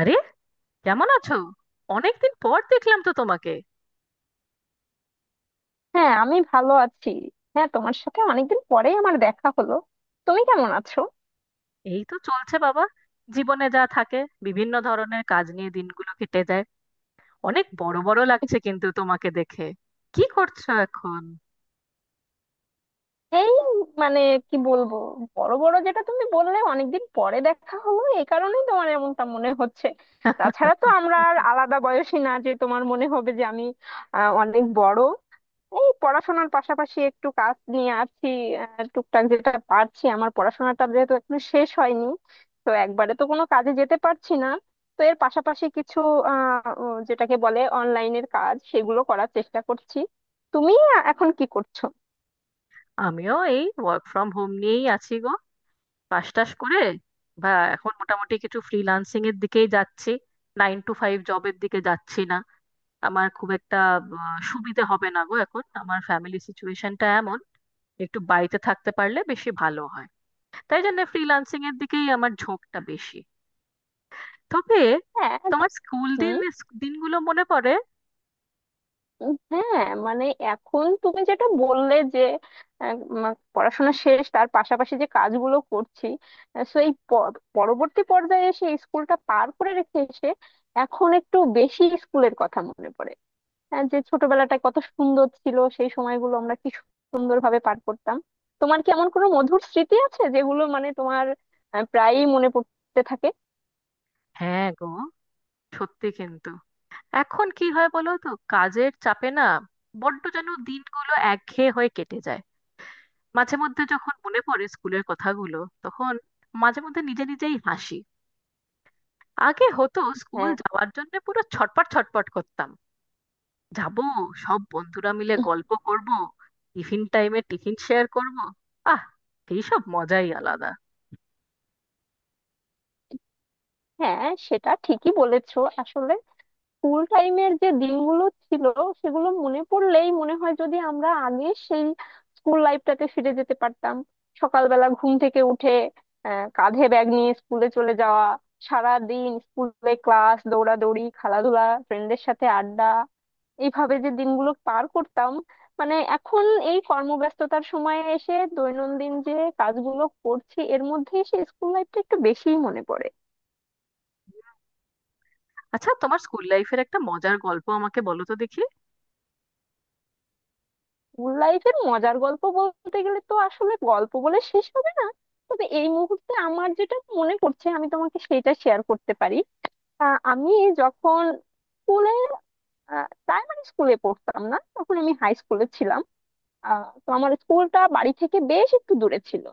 আরে, কেমন আছো? অনেকদিন পর দেখলাম তো তোমাকে। হ্যাঁ, আমি ভালো আছি। হ্যাঁ, তোমার সাথে অনেকদিন পরেই আমার দেখা হলো। তুমি কেমন আছো? এই তো চলছে বাবা। জীবনে যা থাকে, বিভিন্ন ধরনের কাজ নিয়ে দিনগুলো কেটে যায়। অনেক বড় বড় লাগছে কিন্তু তোমাকে দেখে। কি করছো এখন? এই, মানে, কি বলবো? বড় বড় যেটা তুমি বললে, অনেকদিন পরে দেখা হলো এই কারণেই তোমার এমনটা মনে হচ্ছে। তাছাড়া তো আমরা আর আলাদা বয়সী না যে তোমার মনে হবে যে আমি অনেক বড়। এই পড়াশোনার পাশাপাশি একটু কাজ নিয়ে আছি। টুকটাক যেটা পারছি, আমার পড়াশোনাটা যেহেতু এখনো শেষ হয়নি, তো একবারে তো কোনো কাজে যেতে পারছি না, তো এর পাশাপাশি কিছু যেটাকে বলে অনলাইনের কাজ সেগুলো করার চেষ্টা করছি। তুমি এখন কি করছো? আমিও এই ওয়ার্ক ফ্রম হোম নিয়েই আছি গো। পাশ টাশ করে, বা এখন মোটামুটি কিছু ফ্রিল্যান্সিং এর দিকেই যাচ্ছি। নাইন টু ফাইভ জবের দিকে যাচ্ছি না। আমার খুব একটা সুবিধে হবে না গো, এখন আমার ফ্যামিলি সিচুয়েশনটা এমন একটু বাড়িতে থাকতে পারলে বেশি ভালো হয়। তাই জন্য ফ্রিল্যান্সিং এর দিকেই আমার ঝোঁকটা বেশি। তবে হ্যাঁ। তোমার স্কুল দিন, দিনগুলো মনে পড়ে? হ্যাঁ, মানে, এখন তুমি যেটা বললে যে আহ, উম, পড়াশোনা শেষ তার পাশাপাশি যে কাজগুলো করছি, সো এই পরবর্তী পর্যায়ে এসে স্কুলটা পার করে রেখে এসে এখন একটু বেশি স্কুলের কথা মনে পড়ে। যে ছোটবেলাটা কত সুন্দর ছিল, সেই সময়গুলো আমরা কি সুন্দরভাবে পার করতাম। তোমার কি এমন কোনো মধুর স্মৃতি আছে যেগুলো মানে তোমার প্রায়ই মনে পড়তে থাকে? হ্যাঁ গো, সত্যি কিন্তু। এখন কি হয় বলো তো, কাজের চাপে না বড্ড যেন দিনগুলো একঘেয়ে হয়ে কেটে যায়। মাঝে মধ্যে যখন মনে পড়ে স্কুলের কথাগুলো, তখন মাঝে মধ্যে নিজে নিজেই হাসি। আগে হতো স্কুল হ্যাঁ। যাওয়ার জন্য পুরো ছটপট ছটপট করতাম। যাব, সব বন্ধুরা মিলে গল্প করব, টিফিন টাইমে টিফিন শেয়ার করব। আহ এইসব মজাই আলাদা। হ্যাঁ, সেটা ঠিকই বলেছো। আসলে স্কুল টাইমের যে দিনগুলো ছিল, সেগুলো মনে পড়লেই মনে হয় যদি আমরা আগে সেই স্কুল লাইফটাতে ফিরে যেতে পারতাম। সকালবেলা ঘুম থেকে উঠে কাঁধে ব্যাগ নিয়ে স্কুলে চলে যাওয়া, সারা দিন স্কুলে ক্লাস, দৌড়াদৌড়ি, খেলাধুলা, ফ্রেন্ডদের সাথে আড্ডা, এইভাবে যে দিনগুলো পার করতাম, মানে এখন এই কর্মব্যস্ততার সময়ে এসে দৈনন্দিন যে কাজগুলো করছি এর মধ্যে সেই স্কুল লাইফটা একটু বেশিই মনে পড়ে। আচ্ছা, তোমার স্কুল লাইফের একটা মজার গল্প আমাকে বলো তো দেখি। স্কুল লাইফের মজার গল্প বলতে গেলে তো আসলে গল্প বলে শেষ হবে না, তবে এই মুহূর্তে আমার যেটা মনে পড়ছে আমি তোমাকে সেটা শেয়ার করতে পারি। আমি যখন স্কুলে প্রাইমারি স্কুলে পড়তাম না, তখন আমি হাই স্কুলে ছিলাম। তো আমার স্কুলটা বাড়ি থেকে বেশ একটু দূরে ছিল।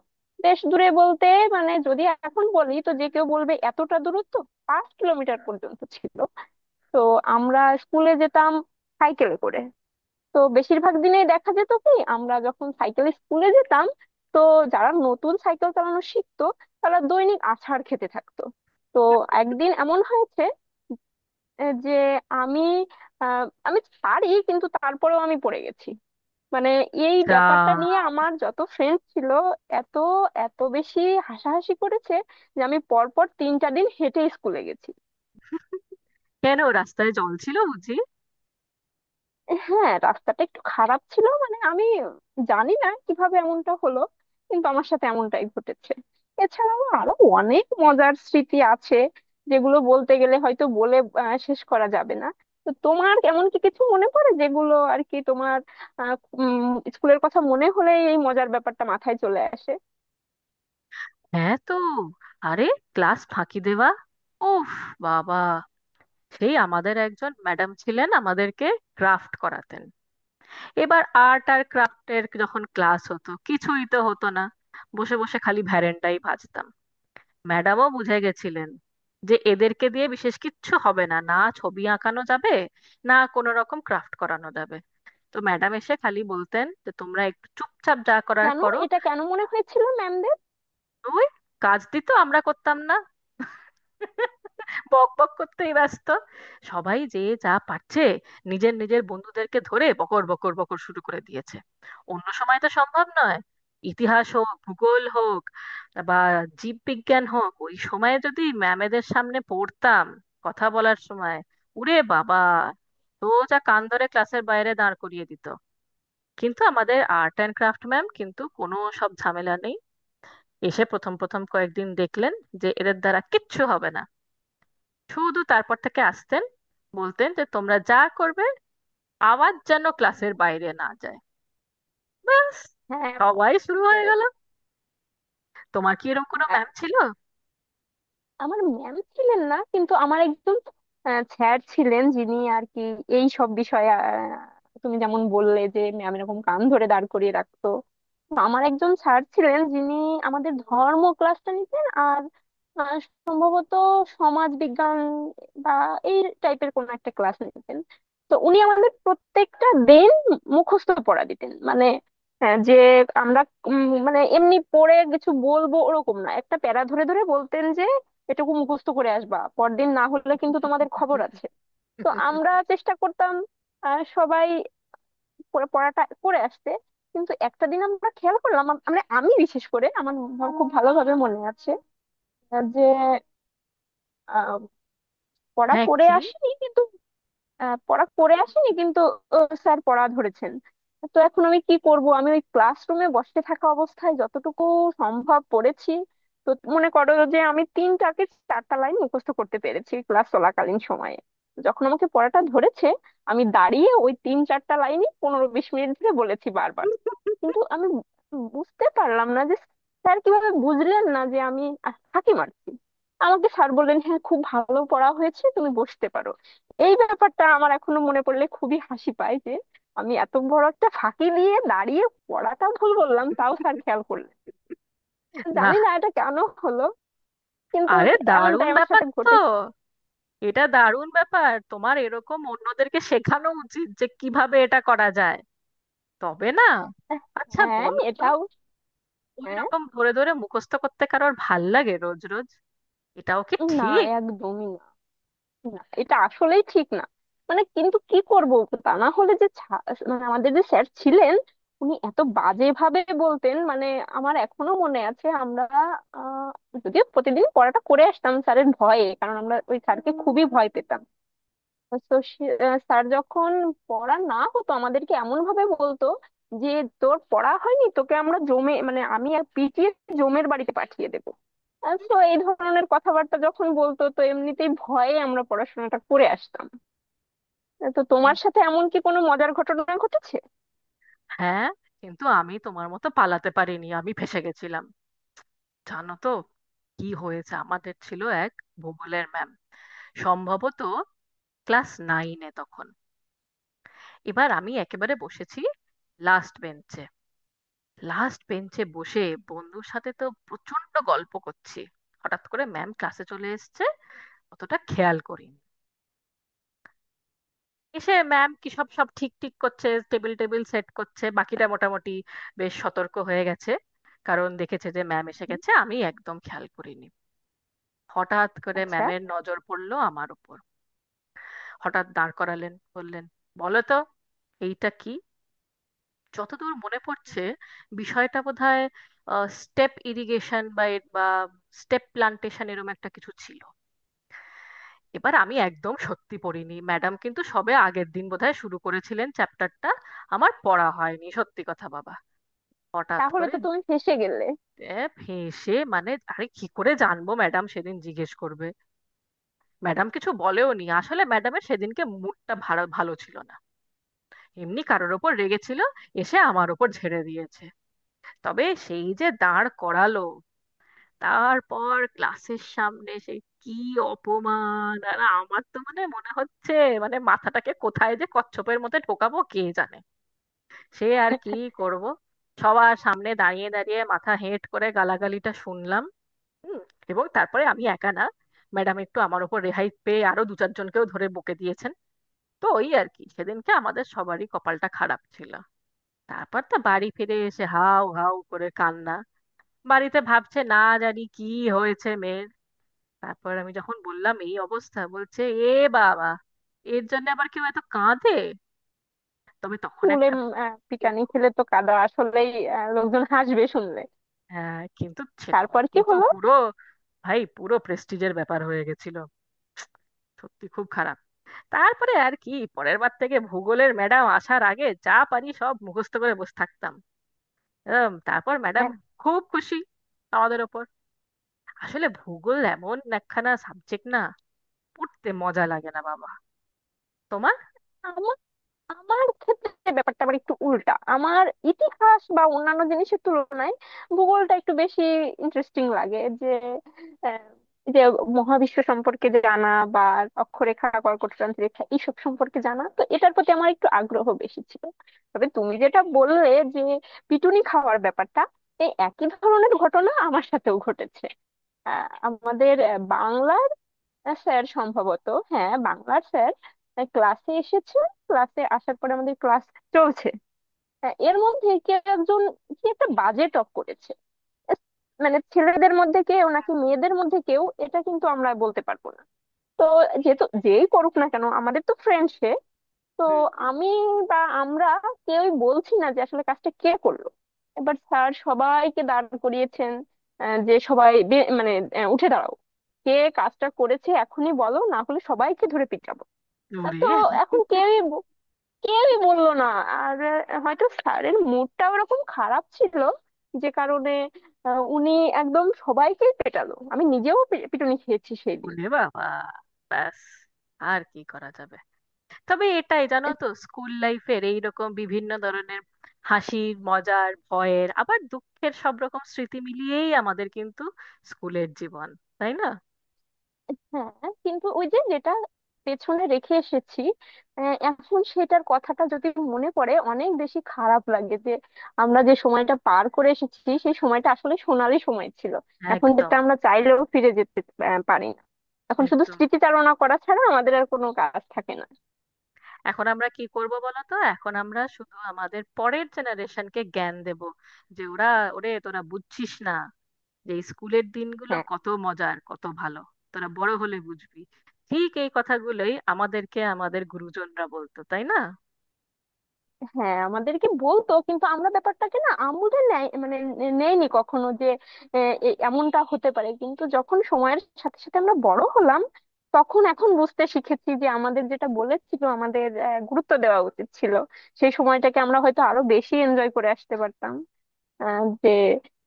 বেশ দূরে বলতে, মানে যদি এখন বলি তো যে কেউ বলবে এতটা দূরত্ব 5 কিলোমিটার পর্যন্ত ছিল। তো আমরা স্কুলে যেতাম সাইকেলে করে। তো বেশিরভাগ দিনে দেখা যেত কি, আমরা যখন সাইকেল স্কুলে যেতাম, তো যারা নতুন সাইকেল চালানো শিখতো তারা দৈনিক আছাড় খেতে থাকতো। তো একদিন এমন হয়েছে, যে আমি আমি পারি কিন্তু তারপরেও আমি পড়ে গেছি। মানে এই যা! ব্যাপারটা নিয়ে আমার যত ফ্রেন্ড ছিল, এত এত বেশি হাসাহাসি করেছে যে আমি পরপর 3-4 দিন হেঁটে স্কুলে গেছি। কেন, রাস্তায় জল ছিল বুঝি? হ্যাঁ, রাস্তাটা একটু খারাপ ছিল, মানে আমি জানি না কিভাবে এমনটা হলো, কিন্তু আমার সাথে এমনটাই ঘটেছে। এছাড়াও আরো অনেক মজার স্মৃতি আছে যেগুলো বলতে গেলে হয়তো বলে শেষ করা যাবে না। তো তোমার এমন কি কিছু মনে পড়ে যেগুলো আর কি তোমার আহ, উম, স্কুলের কথা মনে হলে এই মজার ব্যাপারটা মাথায় চলে আসে? হ্যাঁ তো। আরে, ক্লাস ফাঁকি দেওয়া, উফ বাবা! সেই আমাদের একজন ম্যাডাম ছিলেন, আমাদেরকে ক্রাফট করাতেন। এবার আর্ট আর ক্রাফটের যখন ক্লাস হতো, কিছুই তো হতো না। বসে বসে খালি ভ্যারেন্ডাই ভাজতাম। ম্যাডামও বুঝে গেছিলেন যে এদেরকে দিয়ে বিশেষ কিচ্ছু হবে না, না ছবি আঁকানো যাবে, না কোনো রকম ক্রাফট করানো যাবে। তো ম্যাডাম এসে খালি বলতেন যে তোমরা একটু চুপচাপ যা করার কেন করো। এটা কেন মনে হয়েছিল ম্যামদের? ওই, কাজ দিত আমরা করতাম না, বক বক করতেই ব্যস্ত। সবাই যে যা পারছে নিজের নিজের বন্ধুদেরকে ধরে বকর বকর বকর শুরু করে দিয়েছে। অন্য সময় তো সম্ভব নয়, ইতিহাস হোক ভূগোল হোক বা জীববিজ্ঞান হোক, ওই সময়ে যদি ম্যামেদের সামনে পড়তাম কথা বলার সময়, উরে বাবা! তো যা কান ধরে ক্লাসের বাইরে দাঁড় করিয়ে দিত। কিন্তু আমাদের আর্ট অ্যান্ড ক্রাফট ম্যাম কিন্তু কোনো সব ঝামেলা নেই। এসে প্রথম প্রথম কয়েকদিন দেখলেন যে এদের দ্বারা কিচ্ছু হবে না, শুধু তারপর থেকে আসতেন, বলতেন যে তোমরা যা করবে আওয়াজ যেন ক্লাসের বাইরে না যায়, ব্যাস। হ্যাঁ, সবাই বুঝতে শুরু হয়ে গেল। পেরেছি। তোমার কি এরকম কোনো ম্যাম ছিল? আমার ম্যাম ছিলেন না কিন্তু আমার একজন স্যার ছিলেন যিনি আর কি এই সব বিষয়ে, তুমি যেমন বললে যে ম্যাম এরকম কান ধরে দাঁড় করিয়ে রাখতো, তো আমার একজন স্যার ছিলেন যিনি আমাদের ধর্ম ক্লাসটা নিতেন আর আহ, সম্ভবত সমাজ বিজ্ঞান বা এই টাইপের কোন একটা ক্লাস নিতেন। তো উনি আমাদের প্রত্যেকটা দিন মুখস্থ পড়া দিতেন, মানে হ্যাঁ, যে আমরা মানে এমনি পড়ে কিছু বলবো ওরকম না, একটা প্যারা ধরে ধরে বলতেন এটুকু মুখস্থ করে আসবা পরদিন, না হলে কিন্তু তোমাদের খবর আছে। তো আমরা চেষ্টা করতাম সবাই পড়াটা করে আসতে, কিন্তু একটা দিন আমরা খেয়াল করলাম মানে আমি বিশেষ করে আমার আমার খুব ভালোভাবে মনে আছে যে আহ, পড়া হ্যাঁ করে কি, আসিনি কিন্তু, আহ, পড়া করে আসিনি কিন্তু স্যার পড়া ধরেছেন। তো এখন আমি কি করব, আমি ওই ক্লাসরুমে বসে থাকা অবস্থায় যতটুকু সম্ভব পড়েছি। তো মনে করো যে আমি তিনটাকে চারটা লাইন মুখস্থ করতে পেরেছি ক্লাস চলাকালীন সময়ে। যখন আমাকে পড়াটা ধরেছে আমি দাঁড়িয়ে ওই 3-4 লাইনই 15-20 মিনিট ধরে বলেছি বারবার, কিন্তু আমি বুঝতে পারলাম না যে স্যার কিভাবে বুঝলেন না যে আমি ফাঁকি মারছি। আমাকে স্যার বললেন, হ্যাঁ, খুব ভালো পড়া হয়েছে, তুমি বসতে পারো। এই ব্যাপারটা আমার এখনো মনে পড়লে খুবই হাসি পায় যে আমি এত বড় একটা ফাঁকি দিয়ে দাঁড়িয়ে পড়াটা ভুল বললাম, তাও স্যার খেয়াল করলেন। না। জানি না এটা কেন হলো, কিন্তু আরে এমনটাই দারুণ আমার ব্যাপার সাথে তো! ঘটেছে। এটা দারুণ ব্যাপার, তোমার এরকম অন্যদেরকে শেখানো উচিত যে কিভাবে এটা করা যায়। তবে না, আচ্ছা হ্যাঁ, বলো তো, এটাও ওই হ্যাঁ। রকম ধরে ধরে মুখস্থ করতে কারোর ভাল লাগে রোজ রোজ? এটাও কি না, ঠিক? একদমই না, এটা আসলেই ঠিক না। মানে কিন্তু কি করব, তা না হলে যে মানে আমাদের যে স্যার ছিলেন, উনি এত বাজে ভাবে বলতেন, মানে আমার এখনো মনে আছে আমরা আহ, যদিও প্রতিদিন পড়াটা করে আসতাম স্যারের ভয়ে, কারণ আমরা ওই স্যারকে খুবই ভয় পেতাম। তো স্যার যখন পড়া না হতো আমাদেরকে এমন ভাবে বলতো যে, তোর পড়া হয়নি তোকে আমরা জমে, মানে আমি আর পিটিয়ে জমের বাড়িতে পাঠিয়ে দেবো। তো এই ধরনের কথাবার্তা যখন বলতো তো এমনিতেই ভয়ে আমরা পড়াশোনাটা করে আসতাম। তো তোমার সাথে এমন কি কোনো মজার ঘটনা ঘটেছে? হ্যাঁ, কিন্তু আমি তোমার মতো পালাতে পারিনি, আমি ফেঁসে গেছিলাম জানো তো। কি হয়েছে, আমাদের ছিল এক ভূগোলের ম্যাম, সম্ভবত ক্লাস নাইনে তখন। এবার আমি একেবারে বসেছি লাস্ট বেঞ্চে। লাস্ট বেঞ্চে বসে বন্ধুর সাথে তো প্রচন্ড গল্প করছি। হঠাৎ করে ম্যাম ক্লাসে চলে এসেছে, অতটা খেয়াল করি। এসে ম্যাম কি সব সব ঠিক ঠিক করছে, টেবিল টেবিল সেট করছে, বাকিটা মোটামুটি বেশ সতর্ক হয়ে গেছে কারণ দেখেছে যে ম্যাম এসে হুম। গেছে, আমি একদম খেয়াল করিনি। হঠাৎ করে আচ্ছা। ম্যামের নজর পড়লো আমার উপর। হঠাৎ দাঁড় করালেন, বললেন বলো তো এইটা কি। যতদূর মনে পড়ছে বিষয়টা বোধহয় স্টেপ ইরিগেশন বা বা স্টেপ প্লান্টেশন এরকম একটা কিছু ছিল। এবার আমি একদম সত্যি পড়িনি ম্যাডাম, কিন্তু সবে আগের দিন বোধহয় শুরু করেছিলেন চ্যাপ্টারটা। আমার পড়া হয়নি সত্যি কথা বাবা। হঠাৎ তাহলে করে, তো তুমি ফেঁসে গেলে। এ, ফেঁসে মানে আরে কি করে জানবো ম্যাডাম সেদিন জিজ্ঞেস করবে। ম্যাডাম কিছু বলেও নি, আসলে ম্যাডামের সেদিনকে মুডটা ভালো ভালো ছিল না, এমনি কারোর ওপর রেগেছিল, এসে আমার ওপর ঝেড়ে দিয়েছে। তবে সেই যে দাঁড় করালো, তারপর ক্লাসের সামনে সে কি অপমান! আর আমার তো মানে মনে হচ্ছে মানে মাথাটাকে কোথায় যে কচ্ছপের মধ্যে ঢোকাবো কে জানে। সে আর কি করব, সবার সামনে দাঁড়িয়ে দাঁড়িয়ে মাথা হেঁট করে গালাগালিটা শুনলাম। হুম। এবং তারপরে আমি একা না, ম্যাডাম একটু আমার উপর রেহাই পেয়ে আরো দু চারজনকেও ধরে বকে দিয়েছেন। তো ওই আর কি, সেদিনকে আমাদের সবারই কপালটা খারাপ ছিল। তারপর তো বাড়ি ফিরে এসে হাউ হাউ করে কান্না। বাড়িতে ভাবছে না জানি কি হয়েছে মেয়ের। তারপর আমি যখন বললাম এই অবস্থা, বলছে এ বাবা, এর জন্য আবার কেউ এত কাঁদে! তবে তখন স্কুলে একটা পিটানি কিন্তু। খেলে তো কাদা আসলেই লোকজন হাসবে শুনলে। হ্যাঁ কিন্তু সে তখন তারপর কি কিন্তু হলো? পুরো, ভাই পুরো প্রেস্টিজের ব্যাপার হয়ে গেছিল, সত্যি খুব খারাপ। তারপরে আর কি, পরের বার থেকে ভূগোলের ম্যাডাম আসার আগে যা পারি সব মুখস্থ করে বসে থাকতাম। তারপর ম্যাডাম খুব খুশি আমাদের ওপর। আসলে ভূগোল এমন একখানা সাবজেক্ট না, পড়তে মজা লাগে না বাবা। তোমার? হ্যাঁ, আমার ক্ষেত্রে ব্যাপারটা আবার একটু উল্টা। আমার ইতিহাস বা অন্যান্য জিনিসের তুলনায় ভূগোলটা একটু বেশি ইন্টারেস্টিং লাগে, যে আহ, যে মহাবিশ্ব সম্পর্কে জানা বা অক্ষরেখা, কর্কটক্রান্তি রেখা এইসব সম্পর্কে জানা, তো এটার প্রতি আমার একটু আগ্রহ বেশি ছিল। তবে তুমি যেটা বললে যে পিটুনি খাওয়ার ব্যাপারটা, এই একই ধরনের ঘটনা আমার সাথেও ঘটেছে। আমাদের বাংলা স্যার, সম্ভবত হ্যাঁ, বাংলার স্যার ক্লাসে এসেছে। ক্লাসে আসার পরে আমাদের ক্লাস চলছে, হ্যাঁ, এর মধ্যে কি একজন কি একটা বাজে টক করেছে। এস, মানে ছেলেদের মধ্যে কেউ নাকি মেয়েদের মধ্যে কেউ, এটা কিন্তু আমরা বলতে পারবো না। তো যেহেতু যেই করুক না কেন আমাদের তো ফ্রেন্ড সে, তো হুম। আমি বা আমরা কেউই বলছি না যে আসলে কাজটা কে করলো। এবার স্যার সবাইকে দাঁড় করিয়েছেন যে সবাই মানে উঠে দাঁড়াও, কে কাজটা করেছে এখনই বলো, না হলে সবাইকে ধরে পিটাবো। তো ওরে, এখন কেউই বললো না, আর হয়তো স্যারের মুডটা ওরকম খারাপ ছিল, যে কারণে উনি একদম সবাইকেই পেটালো, আমি নিজেও পিটুনি খেয়েছি সেই দিন। ওরে বাবা, ব্যাস আর কি করা যাবে। তবে এটাই জানো তো, স্কুল লাইফের এইরকম বিভিন্ন ধরনের হাসির, মজার, ভয়ের, আবার দুঃখের, সব রকম স্মৃতি মিলিয়েই আমাদের কিন্তু স্কুলের জীবন, তাই না? হ্যাঁ, কিন্তু ওই যে যেটা পেছনে রেখে এসেছি এখন সেটার কথাটা যদি মনে পড়ে, অনেক বেশি খারাপ লাগে যে আমরা যে সময়টা পার করে এসেছি সেই সময়টা আসলে সোনালি সময় ছিল। এখন একদম। যেটা আমরা চাইলেও ফিরে যেতে পারি না। এখন শুধু একদম। স্মৃতিচারণা করা ছাড়া আমাদের আর কোনো কাজ থাকে না। এখন আমরা কি করব বলো তো, এখন আমরা শুধু আমাদের পরের জেনারেশনকে জ্ঞান দেব যে ওরা, ওরে তোরা বুঝছিস না যে স্কুলের দিনগুলো হ্যাঁ। কত মজার, কত ভালো, তোরা বড় হলে বুঝবি। ঠিক এই কথাগুলোই আমাদেরকে আমাদের গুরুজনরা বলতো তাই না। হ্যাঁ, আমাদেরকে বলতো কিন্তু আমরা ব্যাপারটাকে না আমলে নেয়, মানে নেয়নি কখনো যে এমনটা হতে পারে। কিন্তু যখন সময়ের সাথে সাথে আমরা বড় হলাম, তখন এখন বুঝতে শিখেছি যে আমাদের যেটা বলেছিল, আমাদের গুরুত্ব দেওয়া উচিত ছিল, সেই সময়টাকে আমরা হয়তো আরো বেশি এনজয় করে আসতে পারতাম, যে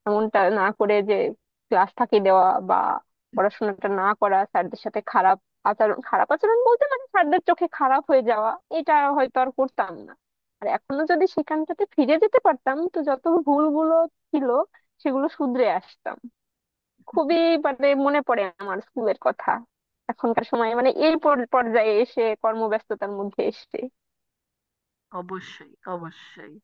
এমনটা না করে যে ক্লাস ফাঁকি দেওয়া বা পড়াশোনাটা না করা, স্যারদের সাথে খারাপ আচরণ, খারাপ আচরণ বলতে মানে স্যারদের চোখে খারাপ হয়ে যাওয়া, এটা হয়তো আর করতাম না। আর এখনো যদি সেখানটাতে ফিরে যেতে পারতাম তো যত ভুলগুলো ছিল সেগুলো শুধরে আসতাম। খুবই মানে মনে পড়ে আমার স্কুলের কথা এখনকার সময়ে, মানে এই পর্যায়ে এসে কর্মব্যস্ততার মধ্যে এসে অবশ্যই, অবশ্যই।